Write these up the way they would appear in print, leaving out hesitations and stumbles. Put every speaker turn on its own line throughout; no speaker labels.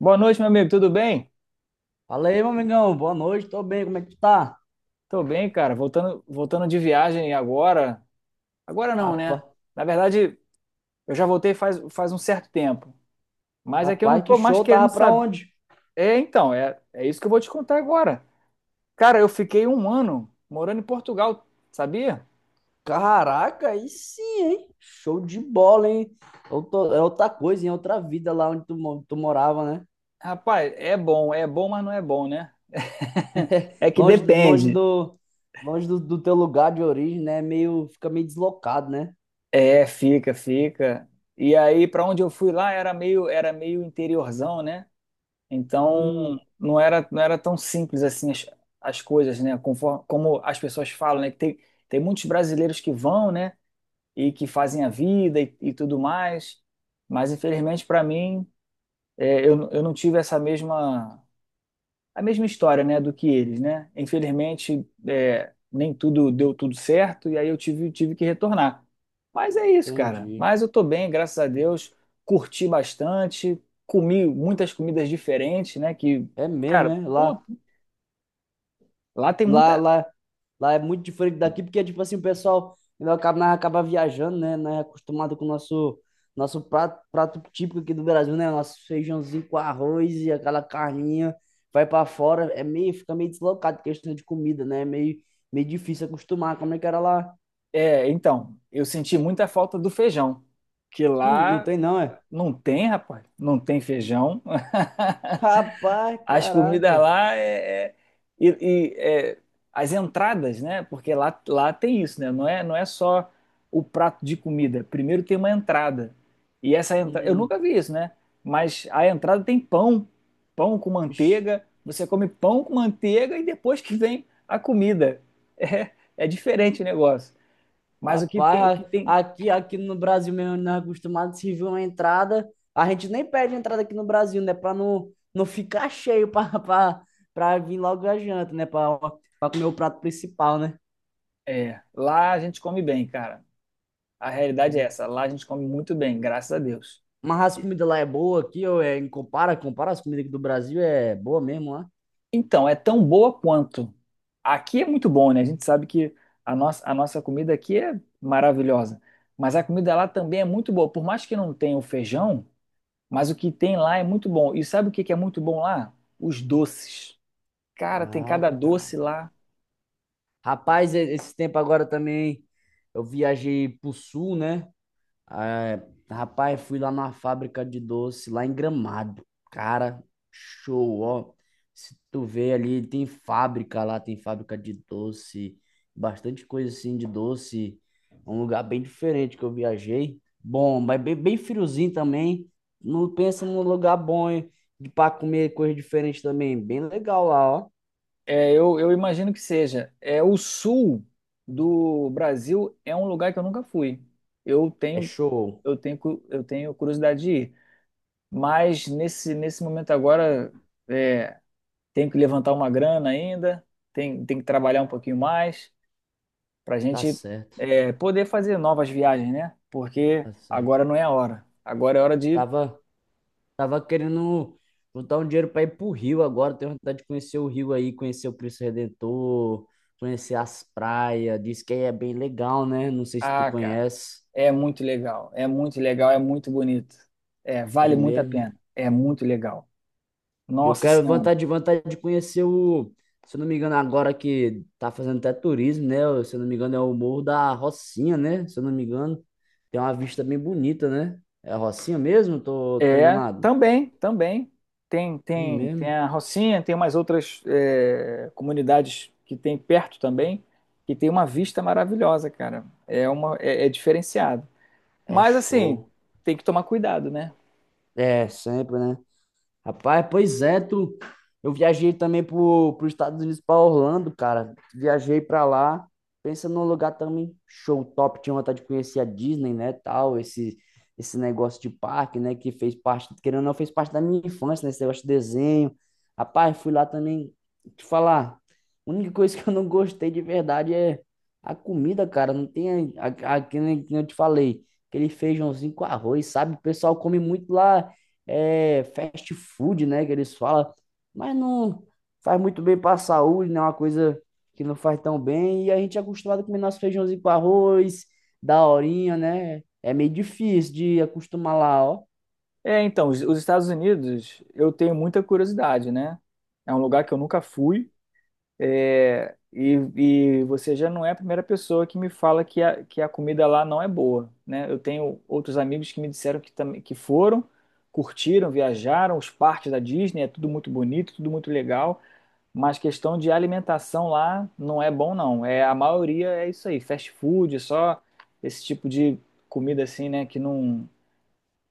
Boa noite, meu amigo. Tudo bem?
Fala aí, meu amigão. Boa noite, tô bem, como é que tu tá?
Tô bem, cara. Voltando de viagem agora. Agora não, né?
Rapaz,
Na verdade, eu já voltei faz um certo tempo. Mas é que eu não
rapaz, que
tô mais
show, tava
querendo
pra
saber.
onde?
É, então, é isso que eu vou te contar agora. Cara, eu fiquei um ano morando em Portugal, sabia?
Caraca, aí sim, hein? Show de bola, hein? É outra coisa, em outra vida lá onde tu, tu morava, né?
Rapaz, é bom, mas não é bom, né? É que
Longe, do- longe
depende.
do, longe do teu lugar de origem, né? Meio, fica meio deslocado, né?
É, fica, fica. E aí, pra onde eu fui lá, era meio interiorzão, né? Então,
Hum,
não era, não era tão simples assim as coisas, né? Conforme, como as pessoas falam, né? Que tem, tem muitos brasileiros que vão, né? E que fazem a vida e tudo mais. Mas, infelizmente, para mim, eu não tive essa mesma a mesma história, né, do que eles, né? Infelizmente, nem tudo deu tudo certo e aí eu tive, tive que retornar. Mas é isso, cara.
entendi.
Mas eu tô bem, graças a Deus. Curti bastante, comi muitas comidas diferentes, né? Que,
É mesmo,
cara,
né?
pô, lá tem
Lá,
muita.
lá, lá é muito diferente daqui, porque, tipo assim, o pessoal ainda acaba, nós acaba viajando, né? Nós é acostumado com o nosso prato típico aqui do Brasil, né? Nosso feijãozinho com arroz e aquela carninha. Vai para fora, é meio, fica meio deslocado, questão de comida, né? É meio difícil acostumar. Como é que era lá?
É, então, eu senti muita falta do feijão, que
Não
lá
tem não, é?
não tem, rapaz, não tem feijão.
Rapaz,
As comidas
caraca.
lá é, e, e, é, as entradas, né? Porque lá, lá tem isso, né? Não é, não é só o prato de comida. Primeiro tem uma entrada. E essa entrada, eu
Hum,
nunca vi isso, né? Mas a entrada tem pão, pão com
ixi.
manteiga. Você come pão com manteiga e depois que vem a comida. É, é diferente o negócio. Mas o
Rapaz,
que tem,
aqui no Brasil mesmo, nós é acostumado, se vir uma entrada, a gente nem pede entrada aqui no Brasil, né? Pra não ficar cheio pra, pra vir logo a janta, né? Pra comer o prato principal, né?
lá a gente come bem, cara. A
É,
realidade é essa. Lá a gente come muito bem, graças a Deus.
mas as comidas lá é boa aqui, ou é, compara as comidas aqui do Brasil, é boa mesmo lá.
Então, é tão boa quanto. Aqui é muito bom, né? A gente sabe que a nossa comida aqui é maravilhosa. Mas a comida lá também é muito boa. Por mais que não tenha o feijão, mas o que tem lá é muito bom. E sabe o que que é muito bom lá? Os doces. Cara, tem
Ah,
cada doce
cara.
lá.
Rapaz, esse tempo agora também eu viajei pro sul, né? É, rapaz, fui lá na fábrica de doce, lá em Gramado. Cara, show, ó. Se tu vê ali, tem fábrica lá, tem fábrica de doce, bastante coisa assim de doce. Um lugar bem diferente que eu viajei. Bom, mas bem, bem friozinho também. Não pensa num lugar bom hein, de para comer coisa diferente também. Bem legal lá, ó.
Eu imagino que seja. É, o sul do Brasil é um lugar que eu nunca fui. Eu
É
tenho,
show.
eu tenho curiosidade de ir. Mas nesse, nesse momento agora. é, Tenho que levantar uma grana ainda, tem que trabalhar um pouquinho mais para a
Tá
gente
certo,
poder fazer novas viagens, né? Porque
tá certo.
agora não é a hora. Agora é hora
Eu
de.
tava querendo juntar um dinheiro para ir pro Rio agora. Tenho vontade de conhecer o Rio aí, conhecer o Cristo Redentor, conhecer as praias. Diz que aí é bem legal, né? Não sei se tu
Ah, cara,
conhece.
é muito legal, é muito legal, é muito bonito. É,
É
vale muito a
mesmo.
pena, é muito legal.
Eu
Nossa
quero
Senhora.
vontade de conhecer o, se eu não me engano, agora que tá fazendo até turismo, né? Se eu não me engano, é o Morro da Rocinha, né? Se eu não me engano, tem uma vista bem bonita, né? É a Rocinha mesmo? Tô
É,
enganado.
também, também.
É
Tem
mesmo?
a Rocinha, tem umas outras comunidades que tem perto também, que tem uma vista maravilhosa, cara. É uma, é diferenciado.
É
Mas assim,
show.
tem que tomar cuidado, né?
É, sempre, né? Rapaz, pois é, tu. Eu viajei também pros Estados Unidos, pra Orlando, cara. Viajei pra lá. Pensa num lugar também show top. Tinha vontade de conhecer a Disney, né, tal. Esse negócio de parque, né, que fez parte, querendo ou não, fez parte da minha infância, né, esse negócio de desenho. Rapaz, fui lá também. Te falar, a única coisa que eu não gostei de verdade é a comida, cara. Não tem, que nem eu te falei, aquele feijãozinho com arroz, sabe? O pessoal come muito lá é, fast food, né, que eles falam, mas não faz muito bem para a saúde, né, uma coisa que não faz tão bem, e a gente é acostumado a comer nosso feijãozinho com arroz, da horinha, né, é meio difícil de acostumar lá, ó,
É, então, os Estados Unidos, eu tenho muita curiosidade, né? É um lugar que eu nunca fui. E você já não é a primeira pessoa que me fala que a comida lá não é boa, né? Eu tenho outros amigos que me disseram que, também, que foram, curtiram, viajaram, os parques da Disney, é tudo muito bonito, tudo muito legal. Mas questão de alimentação lá não é bom, não. É, a maioria é isso aí, fast food, só esse tipo de comida assim, né? Que não.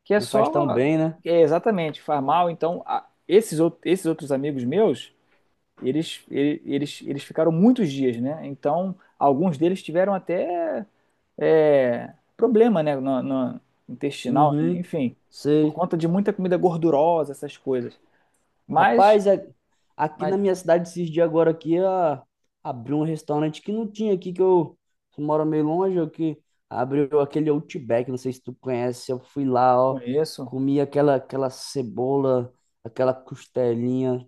Que é
não faz tão
só.
bem, né,
É exatamente, faz mal. Então, esses outros amigos meus, eles ficaram muitos dias, né? Então, alguns deles tiveram até problema, né? No intestinal, né?
uhum,
Enfim, por
sei.
conta de muita comida gordurosa, essas coisas. Mas,
Rapaz, aqui na
mas
minha cidade, esses dias agora aqui, abriu um restaurante que não tinha aqui, que eu moro meio longe, eu que abriu aquele Outback, não sei se tu conhece, eu fui lá, ó,
conheço.
comi aquela cebola, aquela costelinha.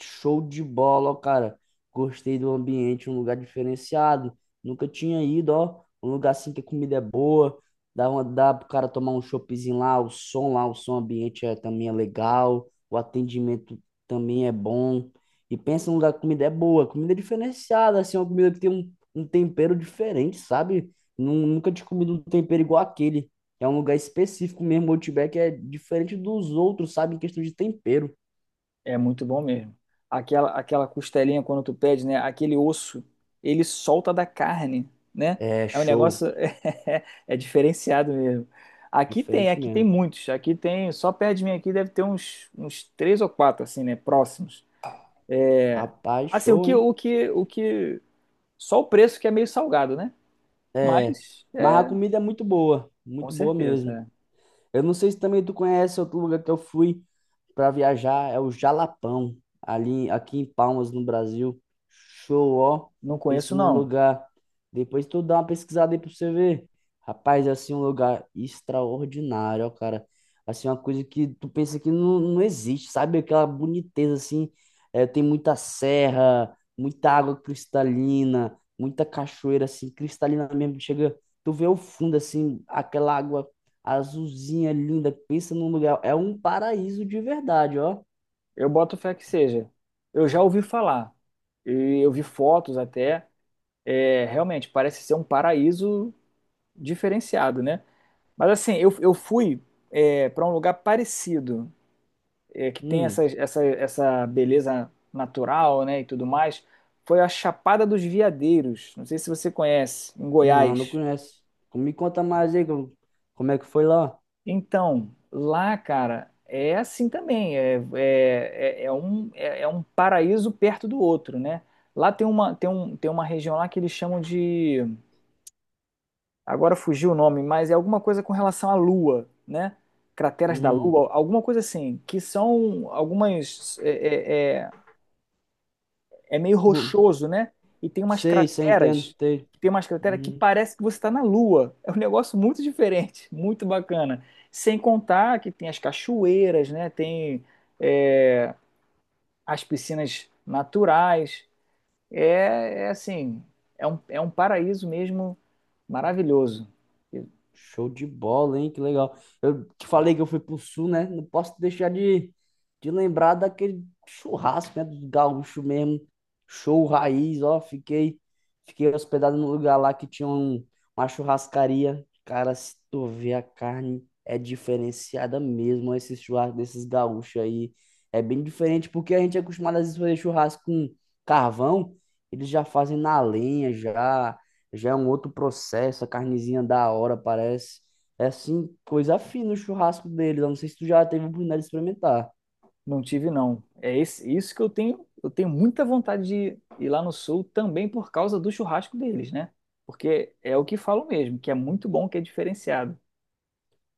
Show de bola, ó, cara. Gostei do ambiente, um lugar diferenciado. Nunca tinha ido, ó. Um lugar assim que a comida é boa. Dá pro cara tomar um choppzinho lá, o som ambiente é, também é legal. O atendimento também é bom. E pensa num lugar que a comida é boa, comida é diferenciada, assim, é uma comida que tem um tempero diferente, sabe? Nunca tinha comido um tempero igual aquele. É um lugar específico mesmo, o Outback é diferente dos outros, sabe? Em questão de tempero.
É muito bom mesmo. Aquela costelinha quando tu pede, né? Aquele osso, ele solta da carne, né?
É
É um
show.
negócio diferenciado mesmo.
Diferente
Aqui tem
mesmo.
muitos. Aqui tem, só perto de mim aqui deve ter uns, uns três ou quatro assim, né? Próximos. É,
Rapaz,
assim,
show, hein?
o que, só o preço que é meio salgado, né?
É,
Mas,
mas a
é,
comida é
com
muito boa
certeza.
mesmo.
É.
Eu não sei se também tu conhece outro lugar que eu fui para viajar, é o Jalapão, ali aqui em Palmas, no Brasil. Show, ó.
Não
Pensa
conheço,
num
não.
lugar. Depois tu dá uma pesquisada aí pra você ver. Rapaz, é assim um lugar extraordinário, ó, cara. Assim, uma coisa que tu pensa que não, não existe, sabe? Aquela boniteza, assim. É, tem muita serra, muita água cristalina, muita cachoeira, assim, cristalina mesmo. Chega, tu vê o fundo, assim, aquela água azulzinha, linda. Pensa num lugar. É um paraíso de verdade, ó.
Eu boto fé que seja. Eu já ouvi falar. E eu vi fotos até. Realmente parece ser um paraíso diferenciado, né? Mas assim, eu fui para um lugar parecido, que tem
Hum.
essa beleza natural, né, e tudo mais. Foi a Chapada dos Veadeiros. Não sei se você conhece, em
Não, não
Goiás.
conheço. Me conta mais aí como é que foi lá.
Então, lá, cara, é assim também. É um paraíso perto do outro, né? Lá tem uma, tem uma região lá que eles chamam de agora fugiu o nome, mas é alguma coisa com relação à Lua, né? Crateras da
Hum.
Lua, alguma coisa assim, que são algumas. É meio
bu-
rochoso, né? E
Sei, sei, entendo. Sei.
tem umas crateras que
Uhum.
parece que você está na Lua. É um negócio muito diferente, muito bacana. Sem contar que tem as cachoeiras, né? Tem é, as piscinas naturais. É, é assim, é um paraíso mesmo maravilhoso.
Show de bola, hein? Que legal. Eu te falei que eu fui pro sul, né? Não posso deixar de lembrar daquele churrasco, né? Do gaúcho mesmo. Show raiz, ó. Fiquei hospedado num lugar lá que tinha uma churrascaria. Cara, se tu vê a carne, é diferenciada mesmo. Ó, esses churrascos desses gaúchos aí. É bem diferente, porque a gente é acostumado às vezes fazer churrasco com carvão. Eles já fazem na lenha, já já é um outro processo, a carnezinha da hora, parece. É assim, coisa fina o churrasco deles. Eu não sei se tu já teve a oportunidade de experimentar.
Não tive, não. É esse- isso que eu tenho. Eu tenho muita vontade de ir lá no Sul também por causa do churrasco deles, né? Porque é o que falo mesmo, que é muito bom, que é diferenciado.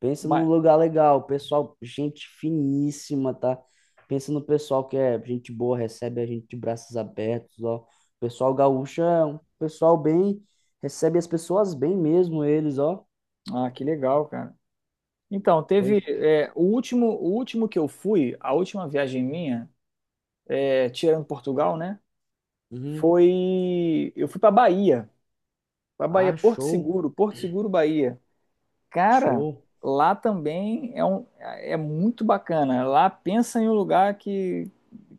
Pensa
Mas,
num lugar legal, pessoal, gente finíssima, tá? Pensa no pessoal que é gente boa, recebe a gente de braços abertos, ó. O pessoal gaúcho é um pessoal bem, recebe as pessoas bem mesmo, eles, ó.
ah, que legal, cara. Então, teve,
Pois.
o último que eu fui, a última viagem minha, tirando Portugal, né?
Uhum.
Foi, eu fui para Bahia,
Ah,
Porto
show,
Seguro, Bahia. Cara,
show.
lá também é muito bacana. Lá pensa em um lugar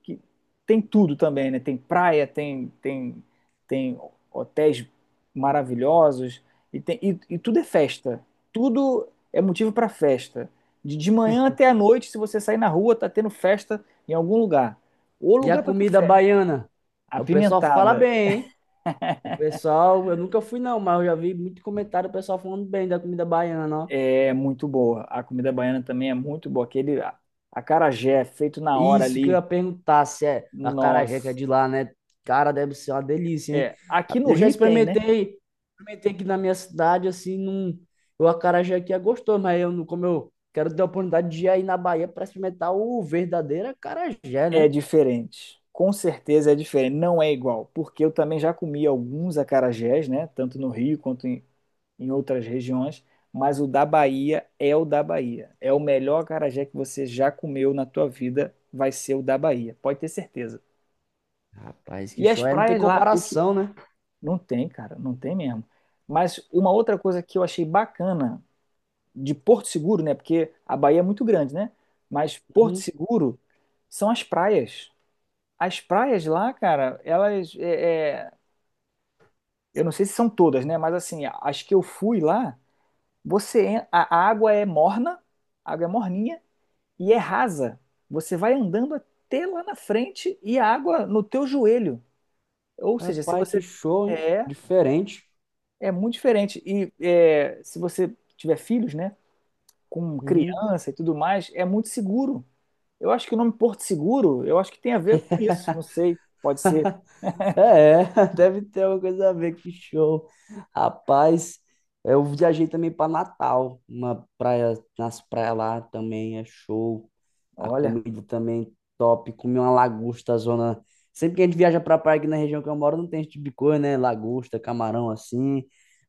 que tem tudo também, né? Tem praia, tem hotéis maravilhosos e tudo é festa. Tudo é motivo para festa. De manhã até à noite, se você sair na rua, tá tendo festa em algum lugar. O
E a
lugar para ter
comida
festa.
baiana?
A
O pessoal fala
pimentada
bem, hein? O pessoal, eu nunca fui não, mas eu já vi muito comentário do pessoal falando bem da comida baiana, ó.
é muito boa. A comida baiana também é muito boa. Aquele acarajé feito na hora
Isso que eu
ali.
ia perguntar, se é a acarajé que é
Nossa.
de lá, né? Cara, deve ser uma delícia, hein?
É, aqui no
Eu já
Rio tem, né?
experimentei aqui na minha cidade, assim, num, o acarajé aqui é gostoso, mas eu, como eu quero ter a oportunidade de ir aí na Bahia para experimentar o verdadeiro acarajé,
É
né?
diferente. Com certeza é diferente, não é igual, porque eu também já comi alguns acarajés, né? Tanto no Rio quanto em, em outras regiões, mas o da Bahia é o da Bahia. É o melhor acarajé que você já comeu na tua vida, vai ser o da Bahia, pode ter certeza.
Rapaz, que
E as
show, é, não tem
praias lá, o que
comparação, né?
não tem, cara, não tem mesmo. Mas uma outra coisa que eu achei bacana de Porto Seguro, né? Porque a Bahia é muito grande, né? Mas Porto
Uhum.
Seguro são as praias. As praias lá, cara, elas. Eu não sei se são todas, né? Mas assim, as que eu fui lá, você a água é morna, a água é morninha e é rasa. Você vai andando até lá na frente e a água no teu joelho. Ou seja, se
Rapaz, que
você
show, hein?
é,
Diferente.
é muito diferente. E é, se você tiver filhos, né, com
Uhum.
criança e tudo mais, é muito seguro. Eu acho que o nome Porto Seguro, eu acho que tem a ver com isso, não sei, pode ser.
É, deve ter alguma coisa a ver, que show. Rapaz, eu viajei também para Natal, uma praia, nas praias lá também é show. A
Olha,
comida também top, comi uma lagosta, zona. Sempre que a gente viaja para praia aqui na região que eu moro, não tem esse tipo de coisa, né? Lagosta, camarão assim.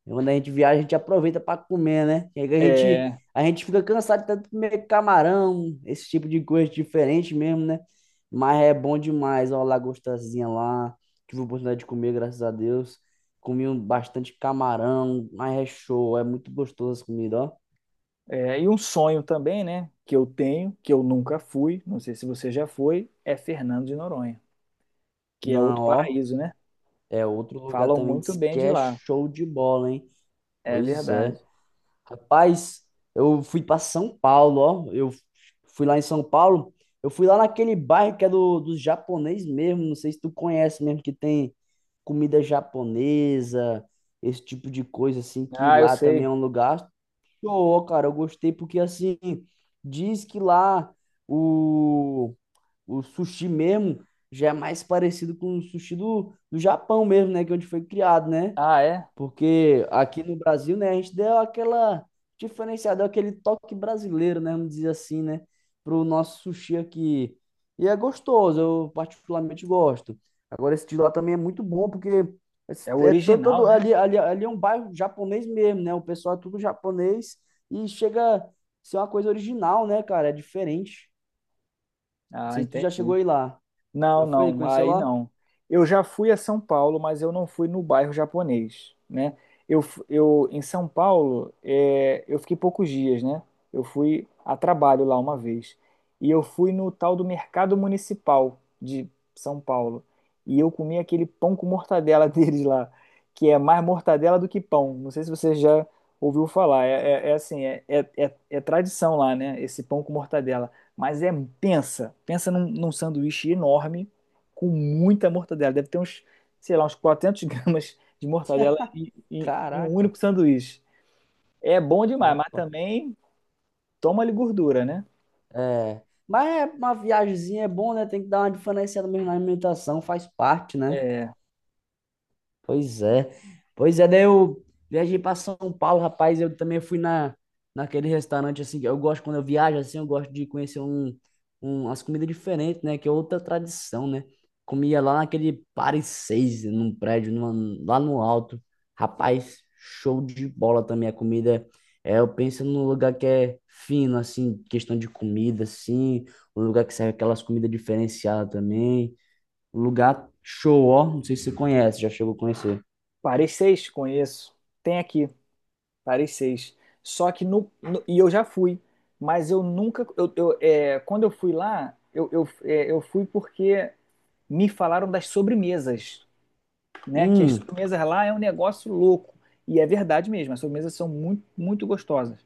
E quando a gente viaja, a gente aproveita para comer, né? E aí a gente,
é,
a gente fica cansado de tanto comer camarão, esse tipo de coisa diferente mesmo, né? Mas é bom demais, ó, a lagostazinha lá tive a oportunidade de comer, graças a Deus. Comi bastante camarão, mas é show, é muito gostoso essa comida, ó.
e um sonho também, né, que eu tenho, que eu nunca fui, não sei se você já foi, é Fernando de Noronha, que é
Não,
outro
ó,
paraíso, né?
é outro lugar
Falam
também,
muito
diz
bem
que
de
é
lá,
show de bola, hein?
é
Pois
verdade.
é. Rapaz, eu fui pra São Paulo, ó, eu fui lá em São Paulo, eu fui lá naquele bairro que é dos japonês mesmo, não sei se tu conhece mesmo, que tem comida japonesa, esse tipo de coisa, assim, que
Ah, eu
lá também
sei.
é um lugar show, cara, eu gostei porque assim, diz que lá o, o sushi mesmo já é mais parecido com o sushi do Japão mesmo, né? Que é onde foi criado, né?
Ah, é?
Porque aqui no Brasil, né, a gente deu aquela diferenciada, aquele toque brasileiro, né, vamos dizer assim, né, pro nosso sushi aqui. E é gostoso, eu particularmente gosto. Agora esse de lá também é muito bom, porque
É o
é todo,
original,
todo
né?
ali é um bairro japonês mesmo, né? O pessoal é tudo japonês e chega a ser uma coisa original, né, cara? É diferente. Não
Ah,
sei se tu já
entendi.
chegou aí lá. Já
Não,
foi?
não,
Conheceu
aí
lá?
não. Eu já fui a São Paulo, mas eu não fui no bairro japonês, né? Eu em São Paulo, eu fiquei poucos dias, né? Eu fui a trabalho lá uma vez. E eu fui no tal do Mercado Municipal de São Paulo. E eu comi aquele pão com mortadela deles lá, que é mais mortadela do que pão. Não sei se você já ouviu falar. É assim, é tradição lá, né? Esse pão com mortadela. Mas é, pensa num sanduíche enorme, com muita mortadela. Deve ter uns, sei lá, uns 400 gramas de mortadela em, em um
Caraca,
único sanduíche. É bom demais, mas
rapaz.
também toma-lhe gordura, né?
É. Mas é uma viagemzinha é bom, né? Tem que dar uma diferenciada mesmo na alimentação, faz parte, né?
É,
Pois é. Pois é, daí eu viajei para São Paulo, rapaz. Eu também fui naquele restaurante, assim, que eu gosto, quando eu viajo, assim, eu gosto de conhecer umas comidas diferentes, né? Que é outra tradição, né? Comia lá naquele Paris 6, num prédio, lá no alto. Rapaz, show de bola também a comida. É, eu penso num lugar que é fino, assim, questão de comida, assim. Um lugar que serve aquelas comidas diferenciadas também. Um lugar show, ó. Não sei se você conhece, já chegou a conhecer.
Paris 6, conheço. Tem aqui, Paris 6. Só que e eu já fui, mas eu nunca. Quando eu fui lá, eu fui porque me falaram das sobremesas. Né? Que as
Hum,
sobremesas lá é um negócio louco. E é verdade mesmo, as sobremesas são muito, muito gostosas.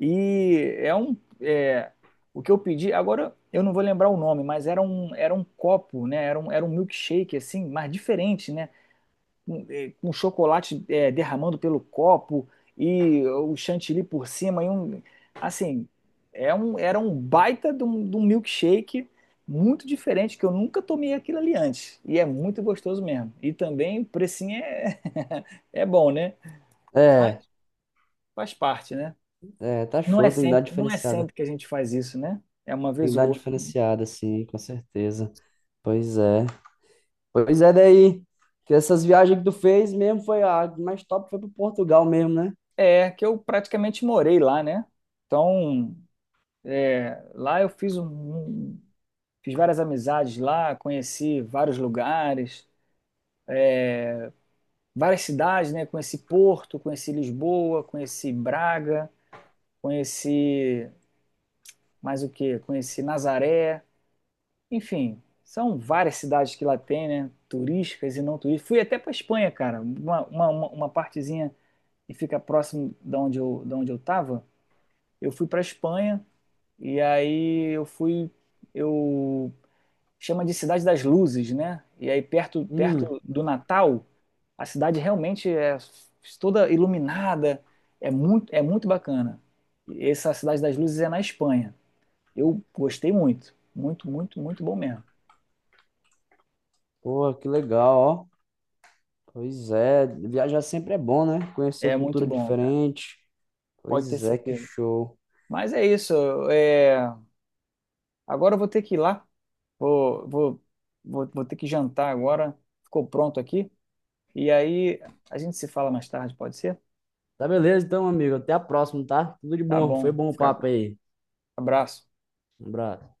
E é um. O que eu pedi, agora eu não vou lembrar o nome, mas era um copo, né? Era um milkshake, assim, mas diferente, né? Com, com chocolate derramando pelo copo e o chantilly por cima assim, era um baita de um milkshake muito diferente que eu nunca tomei aquilo ali antes e é muito gostoso mesmo. E também o precinho é é bom, né?
é,
Mas faz parte, né?
é, tá
Não é
show, tem que dar
sempre, não é
diferenciada.
sempre que a gente faz isso, né? É uma
Tem que
vez ou
dar
outra.
diferenciada, sim, com certeza. Pois é. Pois é, daí. Que essas viagens que tu fez mesmo foi a mais top, foi pro Portugal mesmo, né?
É que eu praticamente morei lá, né? Então, lá eu fiz fiz várias amizades lá, conheci vários lugares, várias cidades, né? Conheci Porto, conheci Lisboa, conheci Braga, conheci mais o quê? Conheci Nazaré, enfim, são várias cidades que lá tem, né? Turísticas e não turísticas. Fui até para Espanha, cara, uma partezinha que fica próximo da onde eu tava. Eu fui para Espanha e aí eu fui, eu chama de Cidade das Luzes, né? E aí perto,
Hum,
perto do Natal a cidade realmente é toda iluminada, é muito bacana. Essa Cidade das Luzes é na Espanha. Eu gostei muito, muito, muito, muito bom mesmo.
pô que legal, ó. Pois é, viajar sempre é bom, né? Conhecer
É muito
cultura
bom, cara.
diferente.
Pode ter
Pois é, que
certeza.
show.
Mas é isso. é, Agora eu vou ter que ir lá. Vou, vou, vou ter que jantar agora. Ficou pronto aqui. E aí a gente se fala mais tarde, pode ser?
Tá beleza, então, amigo. Até a próxima, tá? Tudo de
Tá
bom. Foi
bom.
bom o
Fica com...
papo aí.
Abraço.
Um abraço.